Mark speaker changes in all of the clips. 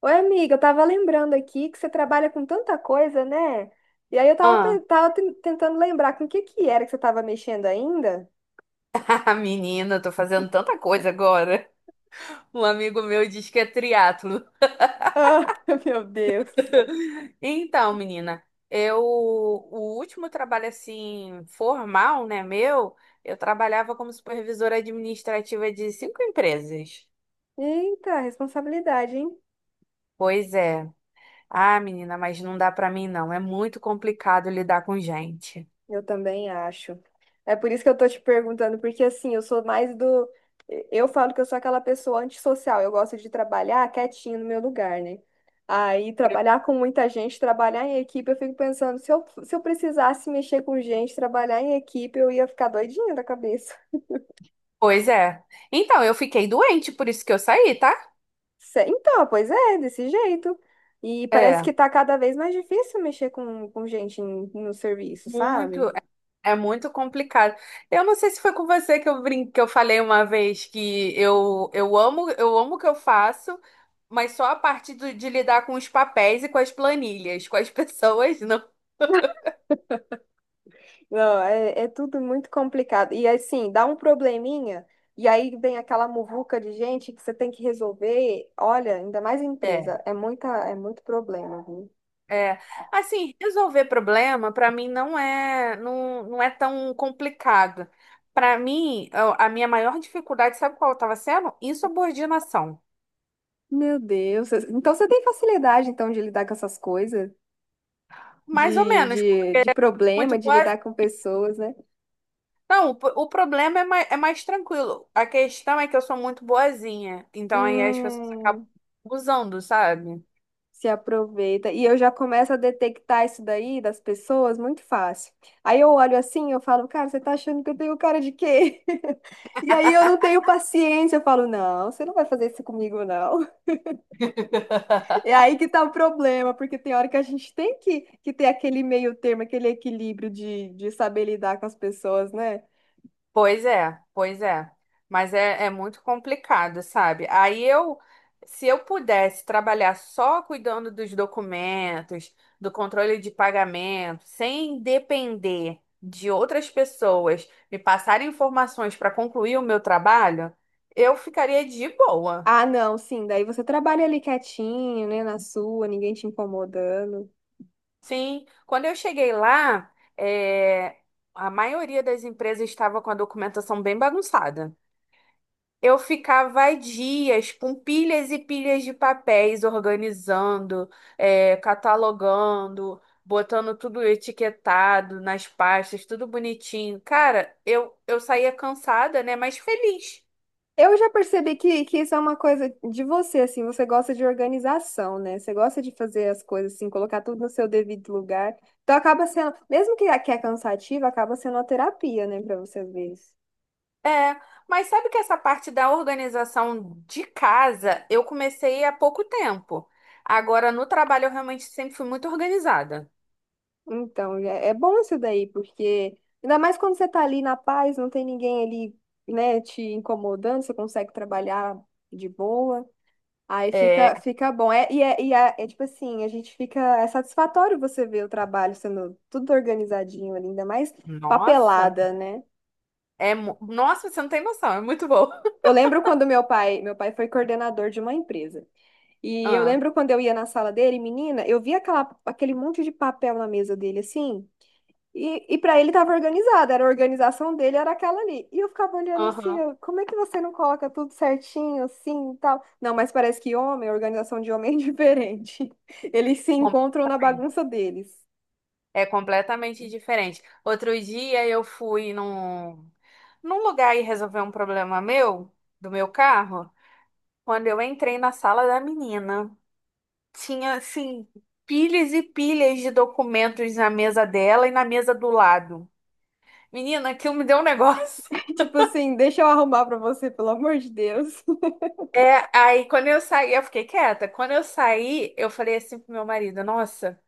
Speaker 1: Oi, amiga, eu tava lembrando aqui que você trabalha com tanta coisa, né? E aí eu tava,
Speaker 2: Ah,
Speaker 1: tentando lembrar com o que que era que você tava mexendo ainda.
Speaker 2: menina, tô fazendo tanta coisa agora. Um amigo meu diz que é triatlo.
Speaker 1: Ah, meu Deus.
Speaker 2: Então, menina, eu o último trabalho assim formal, né, meu, eu trabalhava como supervisora administrativa de cinco empresas.
Speaker 1: Eita, responsabilidade, hein?
Speaker 2: Pois é. Ah, menina, mas não dá pra mim não, é muito complicado lidar com gente.
Speaker 1: Eu também acho. É por isso que eu tô te perguntando, porque assim, eu sou mais do. Eu falo que eu sou aquela pessoa antissocial, eu gosto de trabalhar quietinho no meu lugar, né? Aí, trabalhar com muita gente, trabalhar em equipe, eu fico pensando, se eu precisasse mexer com gente, trabalhar em equipe, eu ia ficar doidinha da cabeça.
Speaker 2: Pois é. Então, eu fiquei doente, por isso que eu saí, tá?
Speaker 1: Então, pois é, desse jeito. E parece
Speaker 2: É.
Speaker 1: que tá cada vez mais difícil mexer com gente no serviço, sabe?
Speaker 2: Muito, é muito complicado. Eu não sei se foi com você que eu brinquei, que eu falei uma vez que eu amo, eu amo o que eu faço, mas só a parte de lidar com os papéis e com as planilhas, com as pessoas, não.
Speaker 1: Não, é, é tudo muito complicado. E assim, dá um probleminha, e aí vem aquela muvuca de gente que você tem que resolver. Olha, ainda mais em
Speaker 2: É.
Speaker 1: empresa, é muita, é muito problema, viu?
Speaker 2: É, assim, resolver problema para mim não é não, não é tão complicado. Para mim, a minha maior dificuldade, sabe qual estava sendo? Insubordinação.
Speaker 1: Meu Deus. Então você tem facilidade então de lidar com essas coisas,
Speaker 2: Mais ou
Speaker 1: de,
Speaker 2: menos,
Speaker 1: de,
Speaker 2: porque
Speaker 1: de
Speaker 2: é muito
Speaker 1: problema, de
Speaker 2: boa.
Speaker 1: lidar com pessoas, né?
Speaker 2: Não, o problema é mais tranquilo. A questão é que eu sou muito boazinha. Então aí as pessoas acabam
Speaker 1: Hum,
Speaker 2: abusando, sabe?
Speaker 1: se aproveita. E eu já começo a detectar isso daí das pessoas muito fácil. Aí eu olho assim, eu falo, cara, você tá achando que eu tenho cara de quê? E aí eu não tenho paciência, eu falo, não, você não vai fazer isso comigo, não. É aí que tá o problema, porque tem hora que a gente tem que ter aquele meio termo, aquele equilíbrio de saber lidar com as pessoas, né?
Speaker 2: Pois é, pois é. Mas é, é muito complicado, sabe? Aí eu, se eu pudesse trabalhar só cuidando dos documentos, do controle de pagamento, sem depender de outras pessoas me passarem informações para concluir o meu trabalho, eu ficaria de boa.
Speaker 1: Ah, não, sim, daí você trabalha ali quietinho, né, na sua, ninguém te incomodando.
Speaker 2: Sim, quando eu cheguei lá, é, a maioria das empresas estava com a documentação bem bagunçada. Eu ficava dias com pilhas e pilhas de papéis, organizando, é, catalogando, botando tudo etiquetado nas pastas, tudo bonitinho. Cara, eu saía cansada, né? Mas feliz.
Speaker 1: Eu já percebi que isso é uma coisa de você, assim, você gosta de organização, né? Você gosta de fazer as coisas assim, colocar tudo no seu devido lugar. Então acaba sendo, mesmo que é cansativo, acaba sendo uma terapia, né, pra você ver isso.
Speaker 2: É, mas sabe que essa parte da organização de casa eu comecei há pouco tempo. Agora, no trabalho, eu realmente sempre fui muito organizada.
Speaker 1: Então, é, é bom isso daí, porque ainda mais quando você tá ali na paz, não tem ninguém ali, né, te incomodando, você consegue trabalhar de boa. Aí
Speaker 2: É,
Speaker 1: fica, fica bom. É, é tipo assim, a gente fica. É satisfatório você ver o trabalho sendo tudo organizadinho ali, ainda mais
Speaker 2: nossa,
Speaker 1: papelada, né?
Speaker 2: nossa, você não tem noção, é muito bom.
Speaker 1: Eu lembro quando meu pai foi coordenador de uma empresa. E eu
Speaker 2: Ah,
Speaker 1: lembro quando eu ia na sala dele, menina, eu via aquela, aquele monte de papel na mesa dele, assim. E para ele estava organizado, era a organização dele, era aquela ali. E eu ficava olhando assim,
Speaker 2: aham,
Speaker 1: eu, como é que você não coloca tudo certinho assim e tal? Não, mas parece que homem, a organização de homem é diferente. Eles se encontram na
Speaker 2: completamente.
Speaker 1: bagunça deles.
Speaker 2: É completamente diferente. Outro dia eu fui num lugar e resolver um problema meu, do meu carro, quando eu entrei na sala da menina. Tinha, assim, pilhas e pilhas de documentos na mesa dela e na mesa do lado. Menina, aquilo me deu um negócio.
Speaker 1: Tipo assim, deixa eu arrumar pra você, pelo amor de Deus.
Speaker 2: É, aí quando eu saí, eu fiquei quieta. Quando eu saí, eu falei assim pro meu marido, nossa,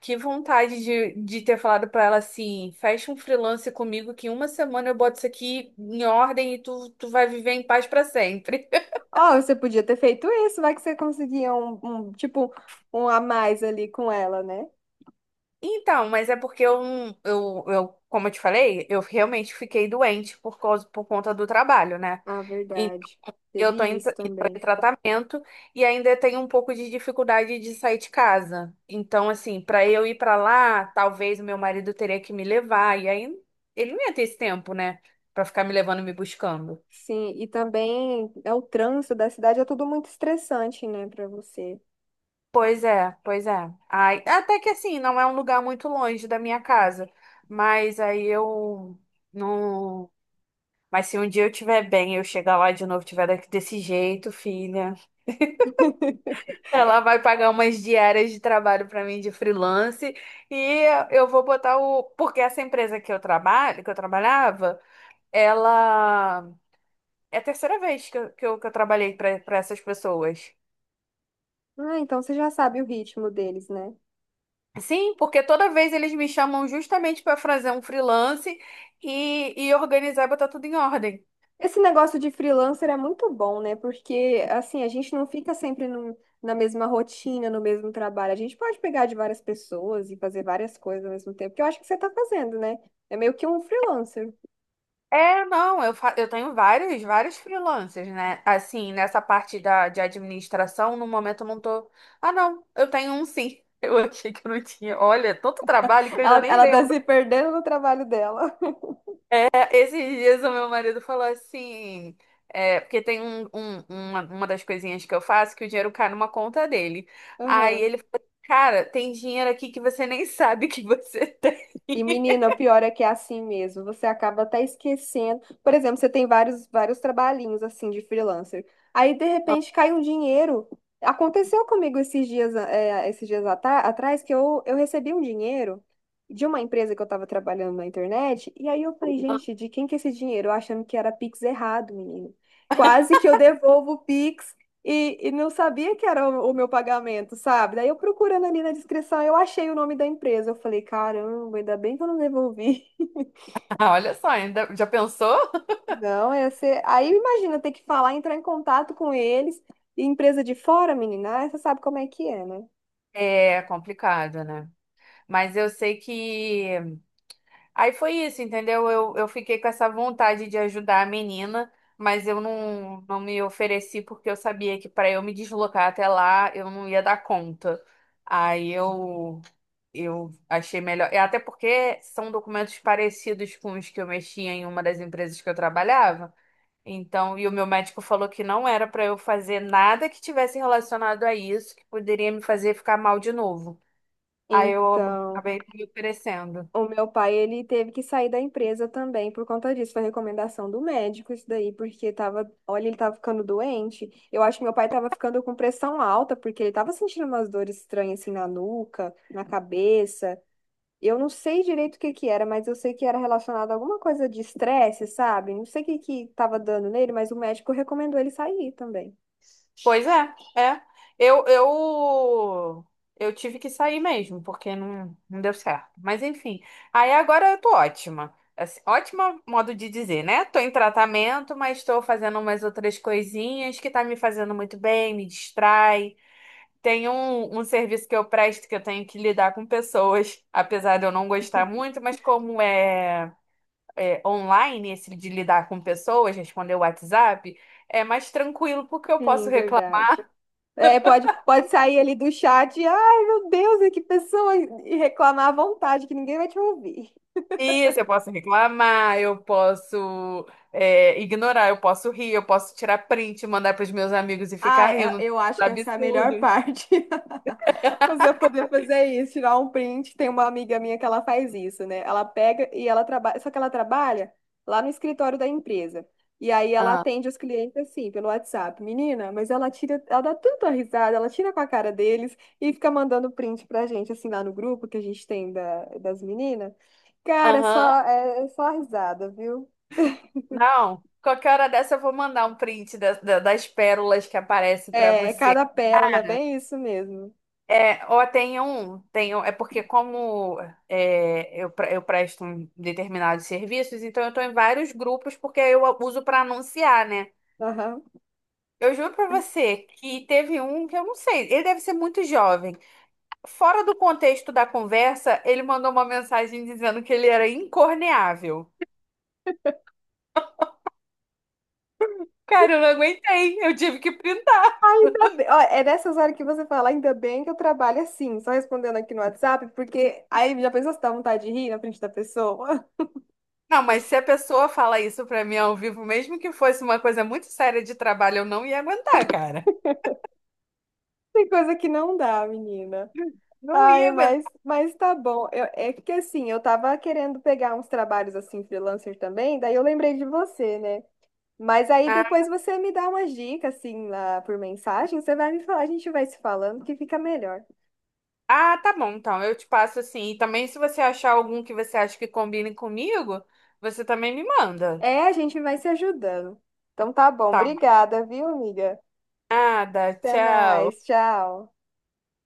Speaker 2: que vontade de ter falado pra ela assim, fecha um freelance comigo que em uma semana eu boto isso aqui em ordem e tu, tu vai viver em paz pra sempre.
Speaker 1: Ó, você podia ter feito isso, vai que você conseguia tipo, um a mais ali com ela, né?
Speaker 2: Então, mas é porque eu, não- eu, como eu te falei, eu realmente fiquei doente por causa, por conta do trabalho, né?
Speaker 1: Ah, verdade.
Speaker 2: E eu
Speaker 1: Teve
Speaker 2: tô
Speaker 1: isso
Speaker 2: em
Speaker 1: também.
Speaker 2: tratamento e ainda tenho um pouco de dificuldade de sair de casa. Então, assim, para eu ir para lá, talvez o meu marido teria que me levar. E aí ele não ia ter esse tempo, né? Pra ficar me levando e me buscando.
Speaker 1: Sim, e também é o trânsito da cidade, é tudo muito estressante, né, pra você.
Speaker 2: Pois é, pois é. Ai, até que assim, não é um lugar muito longe da minha casa. Mas aí eu não. Mas se um dia eu estiver bem, eu chegar lá de novo, tiver daqui desse jeito, filha. Ela vai pagar umas diárias de trabalho para mim de freelance e eu vou botar o. Porque essa empresa que eu trabalho, que eu trabalhava, ela. É a terceira vez que que eu trabalhei para essas pessoas.
Speaker 1: Ah, então você já sabe o ritmo deles, né?
Speaker 2: Sim, porque toda vez eles me chamam justamente para fazer um freelance e organizar e botar tudo em ordem.
Speaker 1: Esse negócio de freelancer é muito bom, né? Porque, assim, a gente não fica sempre na mesma rotina, no mesmo trabalho. A gente pode pegar de várias pessoas e fazer várias coisas ao mesmo tempo, que eu acho que você tá fazendo, né? É meio que um freelancer.
Speaker 2: É, não, eu tenho vários, vários freelancers, né? Assim, nessa parte da, de administração, no momento eu não tô. Ah, não, eu tenho um sim. Eu achei que eu não tinha. Olha, é tanto trabalho que eu já
Speaker 1: Ela,
Speaker 2: nem
Speaker 1: ela tá
Speaker 2: lembro.
Speaker 1: se perdendo no trabalho dela.
Speaker 2: É, esses dias o meu marido falou assim. É, porque tem uma das coisinhas que eu faço que o dinheiro cai numa conta dele. Aí
Speaker 1: Aham.
Speaker 2: ele falou: Cara, tem dinheiro aqui que você nem sabe que você tem.
Speaker 1: E, menina, o pior é que é assim mesmo. Você acaba até esquecendo. Por exemplo, você tem vários trabalhinhos assim de freelancer. Aí, de repente, cai um dinheiro. Aconteceu comigo esses dias, é, esses dias atrás que eu recebi um dinheiro de uma empresa que eu estava trabalhando na internet. E aí eu falei, gente, de quem que é esse dinheiro? Eu achando que era Pix errado, menino. Quase que eu devolvo o Pix. E não sabia que era o meu pagamento, sabe? Daí eu procurando ali na descrição, eu achei o nome da empresa. Eu falei, caramba, ainda bem que eu não devolvi.
Speaker 2: Ah, olha só, ainda já pensou?
Speaker 1: Não, ia ser... Aí imagina ter que falar, entrar em contato com eles, e empresa de fora, menina, aí você sabe como é que é, né?
Speaker 2: É complicado, né? Mas eu sei que. Aí foi isso, entendeu? Eu fiquei com essa vontade de ajudar a menina, mas eu não, não me ofereci porque eu sabia que para eu me deslocar até lá eu não ia dar conta. Aí eu achei melhor. E até porque são documentos parecidos com os que eu mexia em uma das empresas que eu trabalhava. Então, e o meu médico falou que não era para eu fazer nada que tivesse relacionado a isso, que poderia me fazer ficar mal de novo. Aí eu
Speaker 1: Então.
Speaker 2: acabei me oferecendo.
Speaker 1: O meu pai, ele teve que sair da empresa também por conta disso. Foi recomendação do médico isso daí, porque tava, olha, ele tava ficando doente. Eu acho que meu pai tava ficando com pressão alta, porque ele tava sentindo umas dores estranhas assim na nuca, na cabeça. Eu não sei direito o que que era, mas eu sei que era relacionado a alguma coisa de estresse, sabe? Não sei o que que tava dando nele, mas o médico recomendou ele sair também.
Speaker 2: Pois é, é. Eu, eu, eu tive que sair mesmo, porque não, não deu certo. Mas enfim, aí agora eu tô ótima. Assim, ótima modo de dizer, né? Tô em tratamento, mas estou fazendo umas outras coisinhas que tá me fazendo muito bem, me distrai. Tem um serviço que eu presto que eu tenho que lidar com pessoas, apesar de eu não gostar muito, mas como é online, esse de lidar com pessoas, responder o WhatsApp, é mais tranquilo porque eu
Speaker 1: Sim,
Speaker 2: posso reclamar
Speaker 1: verdade. É, pode, pode sair ali do chat e, ai, meu Deus, e que pessoa, e reclamar à vontade, que ninguém vai te ouvir.
Speaker 2: isso, eu posso reclamar, eu posso, é, ignorar, eu posso rir, eu posso tirar print, mandar para os meus amigos e
Speaker 1: Ah,
Speaker 2: ficar rindo dos
Speaker 1: eu acho que essa é a melhor
Speaker 2: absurdos.
Speaker 1: parte. Você poder fazer isso, tirar um print. Tem uma amiga minha que ela faz isso, né? Ela pega e ela trabalha, só que ela trabalha lá no escritório da empresa. E aí ela atende os clientes assim, pelo WhatsApp. Menina, mas ela tira, ela dá tanta risada, ela tira com a cara deles e fica mandando print pra gente, assim, lá no grupo que a gente tem da, das meninas. Cara,
Speaker 2: Aham.
Speaker 1: é só risada, viu?
Speaker 2: Não, qualquer hora dessa eu vou mandar um print das pérolas que aparecem para
Speaker 1: É,
Speaker 2: você.
Speaker 1: cada pérola, é
Speaker 2: Cara,
Speaker 1: bem isso mesmo.
Speaker 2: é, ou tem um, é porque como eu presto um determinados serviços, então eu estou em vários grupos porque eu uso para anunciar, né?
Speaker 1: Aham.
Speaker 2: Eu juro para você que teve um que eu não sei, ele deve ser muito jovem. Fora do contexto da conversa, ele mandou uma mensagem dizendo que ele era incorneável. Cara, eu não aguentei, eu tive que printar.
Speaker 1: Ah, ainda bem, ó, é nessas horas que você fala, ainda bem que eu trabalho assim, só respondendo aqui no WhatsApp, porque aí já pensou se dá vontade de rir na frente da pessoa?
Speaker 2: Não, mas se a pessoa fala isso para mim ao vivo, mesmo que fosse uma coisa muito séria de trabalho, eu não ia aguentar, cara.
Speaker 1: Tem coisa que não dá, menina.
Speaker 2: Não ia
Speaker 1: Ai,
Speaker 2: aguentar.
Speaker 1: mas tá bom. É que assim, eu tava querendo pegar uns trabalhos assim, freelancer também, daí eu lembrei de você, né? Mas aí depois você me dá umas dicas, assim, lá por mensagem, você vai me falar, a gente vai se falando que fica melhor.
Speaker 2: Ah, tá bom, então. Eu te passo assim. E também, se você achar algum que você acha que combine comigo, você também me manda.
Speaker 1: É, a gente vai se ajudando. Então tá bom,
Speaker 2: Tá?
Speaker 1: obrigada, viu, amiga?
Speaker 2: Nada,
Speaker 1: Até
Speaker 2: tchau.
Speaker 1: mais, tchau.